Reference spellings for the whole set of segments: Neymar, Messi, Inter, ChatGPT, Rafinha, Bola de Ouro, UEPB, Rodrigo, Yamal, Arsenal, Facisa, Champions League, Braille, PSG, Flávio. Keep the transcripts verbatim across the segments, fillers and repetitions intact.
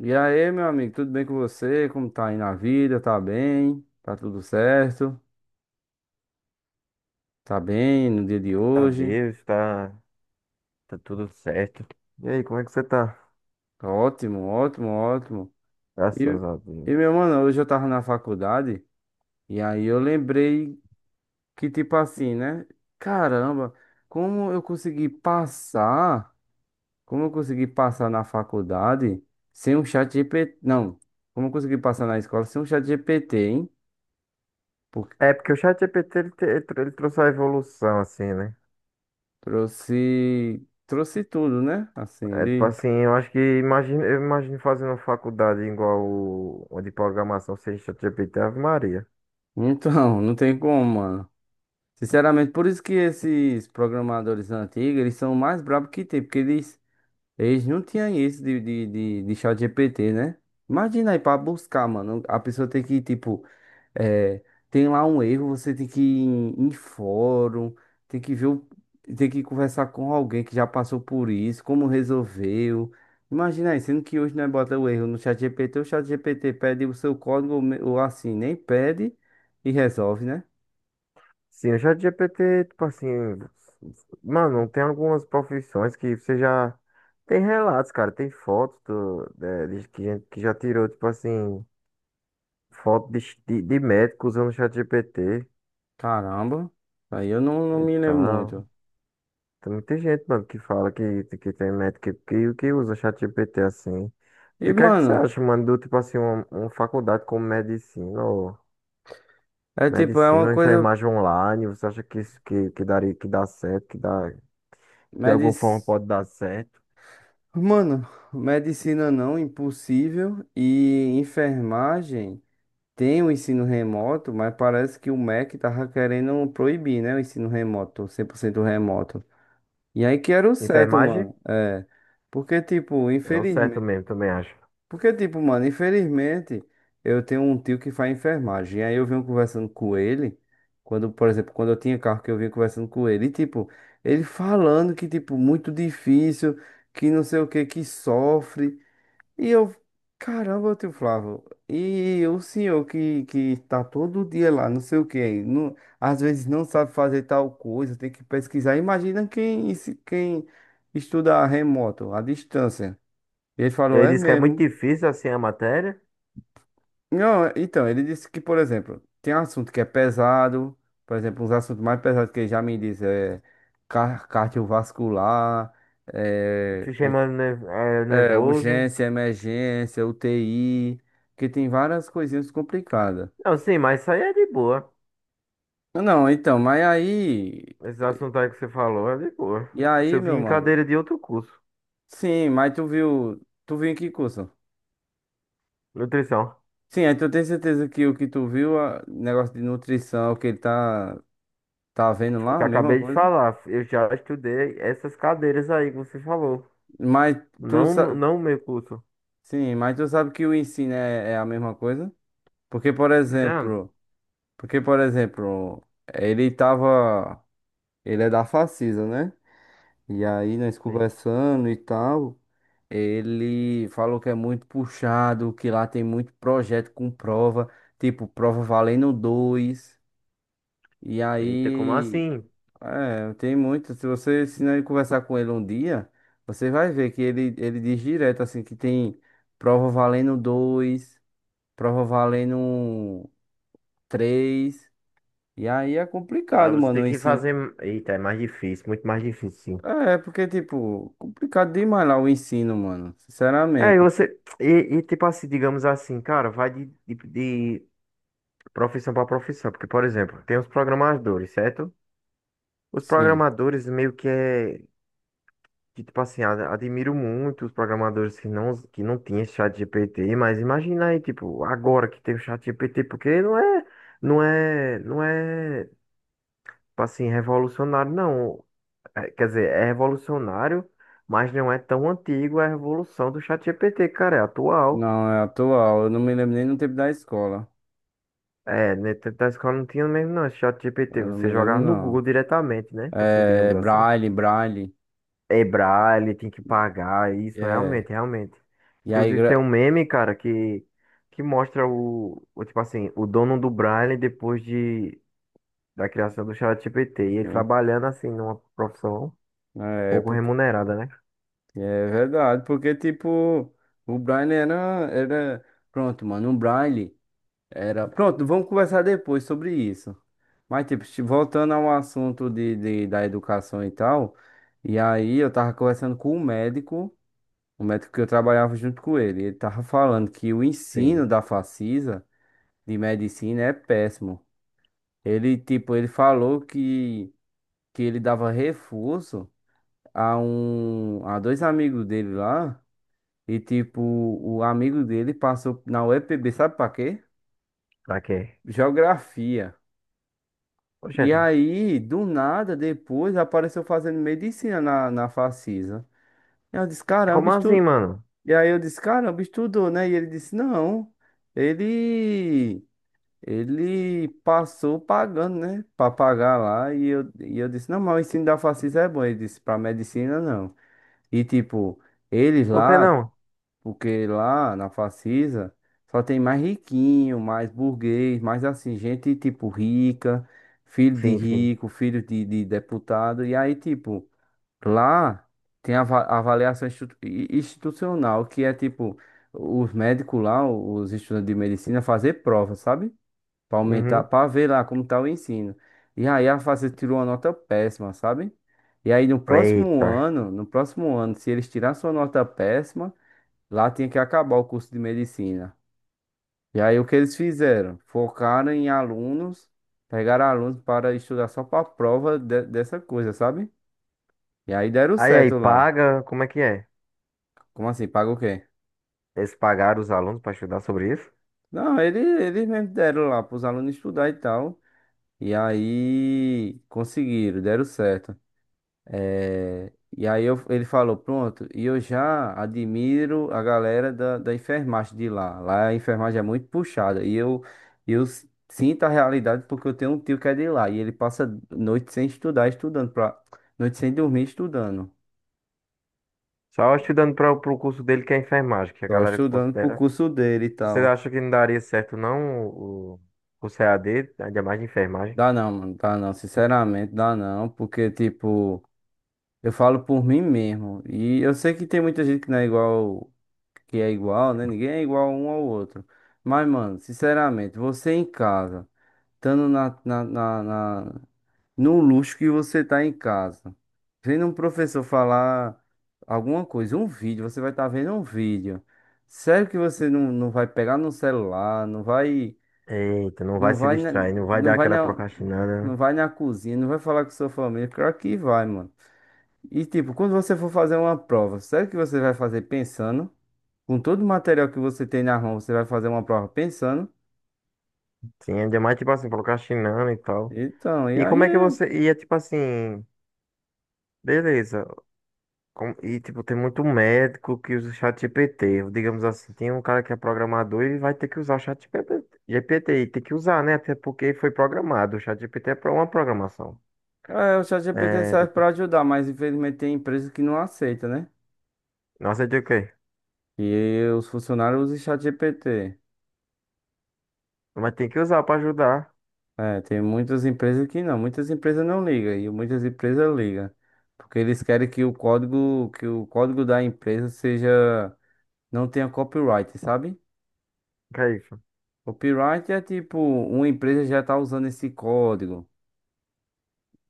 E aí, meu amigo, tudo bem com você? Como tá aí na vida? Tá bem? Tá tudo certo? Tá bem no dia de A hoje? Deus, tá, tá tudo certo. E aí, como é que você tá? Tá ótimo, ótimo, ótimo. E, Graças a Deus. e meu mano, hoje eu tava na faculdade e aí eu lembrei que, tipo assim, né? Caramba, como eu consegui passar? Como eu consegui passar na faculdade sem um chat G P T? Não, como eu consegui passar na escola sem um chat G P T, hein? Porque É, porque o ChatGPT, ele, te- ele, trou- ele trouxe a evolução, assim, né? trouxe, trouxe tudo, né? Assim, É, tipo ele. assim, eu acho que, imagino, eu imagino fazendo faculdade igual o, o de programação sem ChatGPT, Ave Maria. Então, não tem como, mano. Sinceramente, por isso que esses programadores antigos, eles são o mais brabos que tem, porque eles eles não tinham isso de, de, de, de chat G P T, né? Imagina aí pra buscar, mano. A pessoa tem que, tipo, é, tem lá um erro, você tem que ir em, em fórum, tem que ver, o- tem que conversar com alguém que já passou por isso, como resolveu. Imagina aí, sendo que hoje nós bota o erro no chat G P T, o chat G P T pede o seu código, ou me- ou assim, nem pede e resolve, né? Sim, o ChatGPT, tipo assim, mano, tem algumas profissões que você já... Tem relatos, cara, tem fotos do, é, de, que gente que já tirou, tipo assim, foto de, de, de médico usando o ChatGPT Caramba, aí eu não, não e me lembro tal. muito. Tem muita gente, mano, que fala que, que tem médico que, que usa ChatGPT assim. E E, o que é que você mano, acha, mano, do tipo assim, uma, uma faculdade como medicina ou é tipo, é uma medicina ou coisa. enfermagem online? Você acha que isso que, que daria, que dá certo, que dá, de alguma Medis. forma pode dar certo? Mano, medicina não, impossível. E enfermagem tem o ensino remoto, mas parece que o MEC tava querendo proibir, né? O ensino remoto, cem por cento remoto. E aí que era o certo, Enfermagem? mano. É. Porque, tipo, É o certo infelizmente. mesmo, também acho. Porque, tipo, mano, infelizmente, eu tenho um tio que faz enfermagem. E aí eu venho conversando com ele. Quando, por exemplo, quando eu tinha carro que eu vinha conversando com ele. E, tipo, ele falando que, tipo, muito difícil, que não sei o que, que sofre. E eu, caramba, tio Flávio, e o senhor que, que tá todo dia lá, não sei o quê, não, às vezes não sabe fazer tal coisa, tem que pesquisar. Imagina quem, esse- quem estuda remoto, à distância. E ele falou, Ele é disse que é muito mesmo. difícil assim a matéria. Não, é- Então, ele disse que, por exemplo, tem assunto que é pesado, por exemplo, uns assuntos mais pesados que ele já me disse é car- cardiovascular, Te chamando ne- é, é, nervoso. urgência, emergência, U T I, que tem várias coisinhas complicadas. Não, sim, mas isso aí é de boa. Não, então, mas aí, Esse assunto aí que você falou é de boa. e Isso aí, eu vim meu em mano? cadeira de outro curso. Sim, mas tu viu, tu viu em que curso? Nutrição. Sim, aí tu tem certeza que o que tu viu, a- negócio de nutrição, o que ele tá, tá vendo O lá, que a eu mesma acabei de coisa? falar, eu já estudei essas cadeiras aí que você falou. Mas tu Não, sabe, não o meu curso. sim, mas tu sabe que o ensino é, é a mesma coisa? Porque, por Não. exemplo, Porque, por exemplo, ele tava, ele é da Facisa, né? E aí nós Sim. conversando e tal, ele falou que é muito puxado, que lá tem muito projeto com prova, tipo prova valendo dois. E Eita, como aí, assim? é, tem muito. Se você se não conversar com ele um dia, você vai ver que ele, ele diz direto assim que tem prova valendo dois, prova valendo três. E aí é Aí complicado, você mano, tem o que ensino. fazer. Eita, é mais difícil, muito mais difícil, sim. É, porque, tipo, complicado demais lá o ensino, mano. É, e Sinceramente. você. E, e tipo assim, digamos assim, cara, vai de, de, de profissão para profissão. Porque, por exemplo, tem os programadores, certo? Os Sim. programadores meio que é, que, tipo assim, a- admiro muito os programadores que não, que não tinham esse chat G P T, mas imagina aí, tipo, agora que tem o chat G P T, porque não é, não é, não é, tipo assim, revolucionário, não. É, quer dizer, é revolucionário, mas não é tão antigo a revolução do chat G P T, cara, é atual. Não, é atual. Eu não me lembro nem no tempo da escola. É, né, tanto da escola não tinha mesmo, não, esse chat Eu G P T, não você me lembro, jogava no Google não. diretamente, né? Assim, É digamos assim. Braille, Braille. Ebrar, ele tem que pagar, isso É. realmente, realmente. E aí, Inclusive tem gra... um meme, cara, que, que mostra o, o, tipo assim, o dono do Braille depois de, da criação do ChatGPT, e ele Sim, trabalhando assim numa profissão na pouco época. remunerada, né? É verdade, porque, tipo, o Braille era, era. Pronto, mano, o Braille era. Pronto, vamos conversar depois sobre isso. Mas, tipo, se- voltando ao assunto de, de, da educação e tal. E aí, eu tava conversando com um médico, o médico que eu trabalhava junto com ele. Ele tava falando que o Sim, ensino da Facisa de medicina é péssimo. Ele, tipo, ele falou que, que ele dava reforço a um, a dois amigos dele lá, e tipo, o amigo dele passou na U E P B, sabe pra quê? pra quê? Geografia. Ô, E gente, aí, do nada, depois apareceu fazendo medicina na, na Facisa. E eu disse, caramba, como assim, estu... mano? E aí eu disse, caramba, estudou, né? E ele disse, não, ele Ele passou pagando, né? Pra pagar lá. E eu, e eu disse, não, mas o ensino da Facisa é bom. Ele disse, pra medicina não. E tipo, eles Por que lá, não? porque lá na Facisa só tem mais riquinho, mais burguês, mais assim, gente tipo rica, filho de Sim, sim. rico, filho de, de deputado. E aí, tipo, lá tem a ava- avaliação institu- i- institucional, que é tipo, os médicos lá, os estudantes de medicina, fazer prova, sabe? Pra aumentar, Uhum. pra ver lá como tá o ensino. E aí a Facil tirou uma nota péssima, sabe? E aí no próximo Eita. ano, no próximo ano, se eles tirassem sua nota péssima, lá tinha que acabar o curso de medicina. E aí o que eles fizeram? Focaram em alunos, pegaram alunos para estudar só pra prova de- dessa coisa, sabe? E aí deram Aí, aí, certo lá. paga, como é que é? Como assim? Paga o quê? Eles pagaram os alunos pra estudar sobre isso? Não, eles, eles mesmo deram lá para os alunos estudar e tal. E aí conseguiram, deram certo. É, e aí eu- ele falou, pronto, e eu já admiro a galera da, da enfermagem de lá. Lá a enfermagem é muito puxada. E eu, eu s- sinto a realidade porque eu tenho um tio que é de lá. E ele passa noite sem estudar, estudando, pra, noite sem dormir, estudando. Só estudando para o curso dele que é enfermagem, que a Só galera estudando pro considera. curso dele e Você tal. acha que não daria certo, não, o, o C CAD, ainda mais de enfermagem? Dá não, mano, dá não. Sinceramente, dá não. Porque, tipo, eu falo por mim mesmo. E eu sei que tem muita gente que não é igual. Que é igual, né? Ninguém é igual um ao outro. Mas, mano, sinceramente, você em casa, estando na, na, na, na- no luxo que você tá em casa, vendo um professor falar alguma coisa, um vídeo, você vai estar tá vendo um vídeo. Sério que você não, não vai pegar no celular, não vai, Eita, não vai não se vai, na, distrair, não vai não dar vai aquela na, procrastinada, não né? vai na cozinha, não vai falar com sua família, claro que vai, mano. E tipo, quando você for fazer uma prova, sério que você vai fazer pensando? Com todo o material que você tem na mão, você vai fazer uma prova pensando. Sim, ainda mais, tipo assim, procrastinando e tal. Então, e E aí, como é que você. E é tipo assim, beleza. com- E tipo, tem muito médico que usa o chat G P T. Digamos assim, tem um cara que é programador e vai ter que usar o chat G P T. G P T, e tem que usar, né? Até porque foi programado. O chat G GPT é pra uma programação. é, o ChatGPT É, serve tipo, para ajudar, mas infelizmente tem empresas que não aceitam, né? nossa, é de o quê? E os funcionários usam ChatGPT. Mas tem que usar pra ajudar. É, tem muitas empresas que não, muitas empresas não ligam e muitas empresas ligam, porque eles querem que o código, que o código da empresa seja, não tenha copyright, sabe? Ok. Copyright é tipo, uma empresa já tá usando esse código.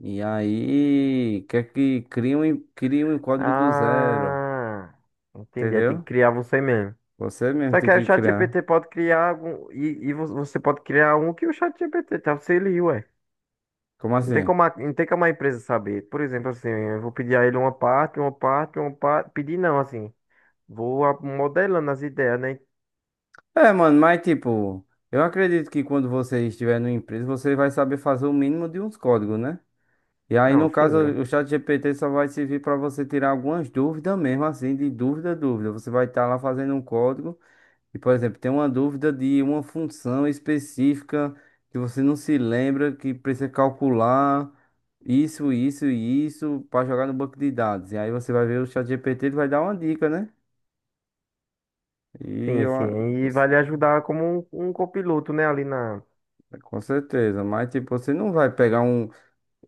E aí, quer que crie um, crie um código do zero, Ah, entendi. Aí tem que entendeu? criar você mesmo. Você mesmo Só que tem aí o que criar. ChatGPT pode criar algum. E, e vo- você pode criar um que o chat ChatGPT te auxilia, ué. Como Não tem assim? como a, não tem como a empresa saber. Por exemplo, assim, eu vou pedir a ele uma parte, uma parte, uma parte. Pedir não, assim. Vou a- modelando as ideias, né? É, mano, mas tipo, eu acredito que quando você estiver numa empresa, você vai saber fazer o mínimo de uns códigos, né? E aí, Não, no sim, caso, né? o chat G P T só vai servir para você tirar algumas dúvidas mesmo, assim, de dúvida, dúvida. Você vai estar lá fazendo um código e, por exemplo, tem uma dúvida de uma função específica que você não se lembra, que precisa calcular isso, isso e isso para jogar no banco de dados. E aí você vai ver o chat G P T ele vai dar uma dica, né? E Sim, eu, sim. a- E vai lhe ajudar como um, um copiloto, né? Ali na. com certeza, mas tipo, você não vai pegar um.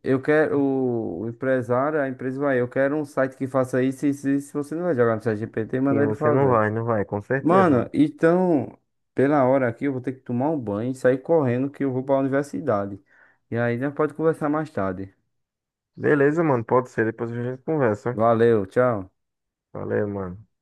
Eu quero o o empresário, a empresa vai, eu quero um site que faça isso, isso, isso. Você não vai jogar no chat G P T e Sim, mandar ele você não fazer. vai, não vai, com Mano, certeza. então, pela hora aqui, eu vou ter que tomar um banho e sair correndo que eu vou pra universidade. E aí, né, pode conversar mais tarde. Beleza, mano. Pode ser. Depois a gente conversa. Valeu, tchau. Valeu, mano.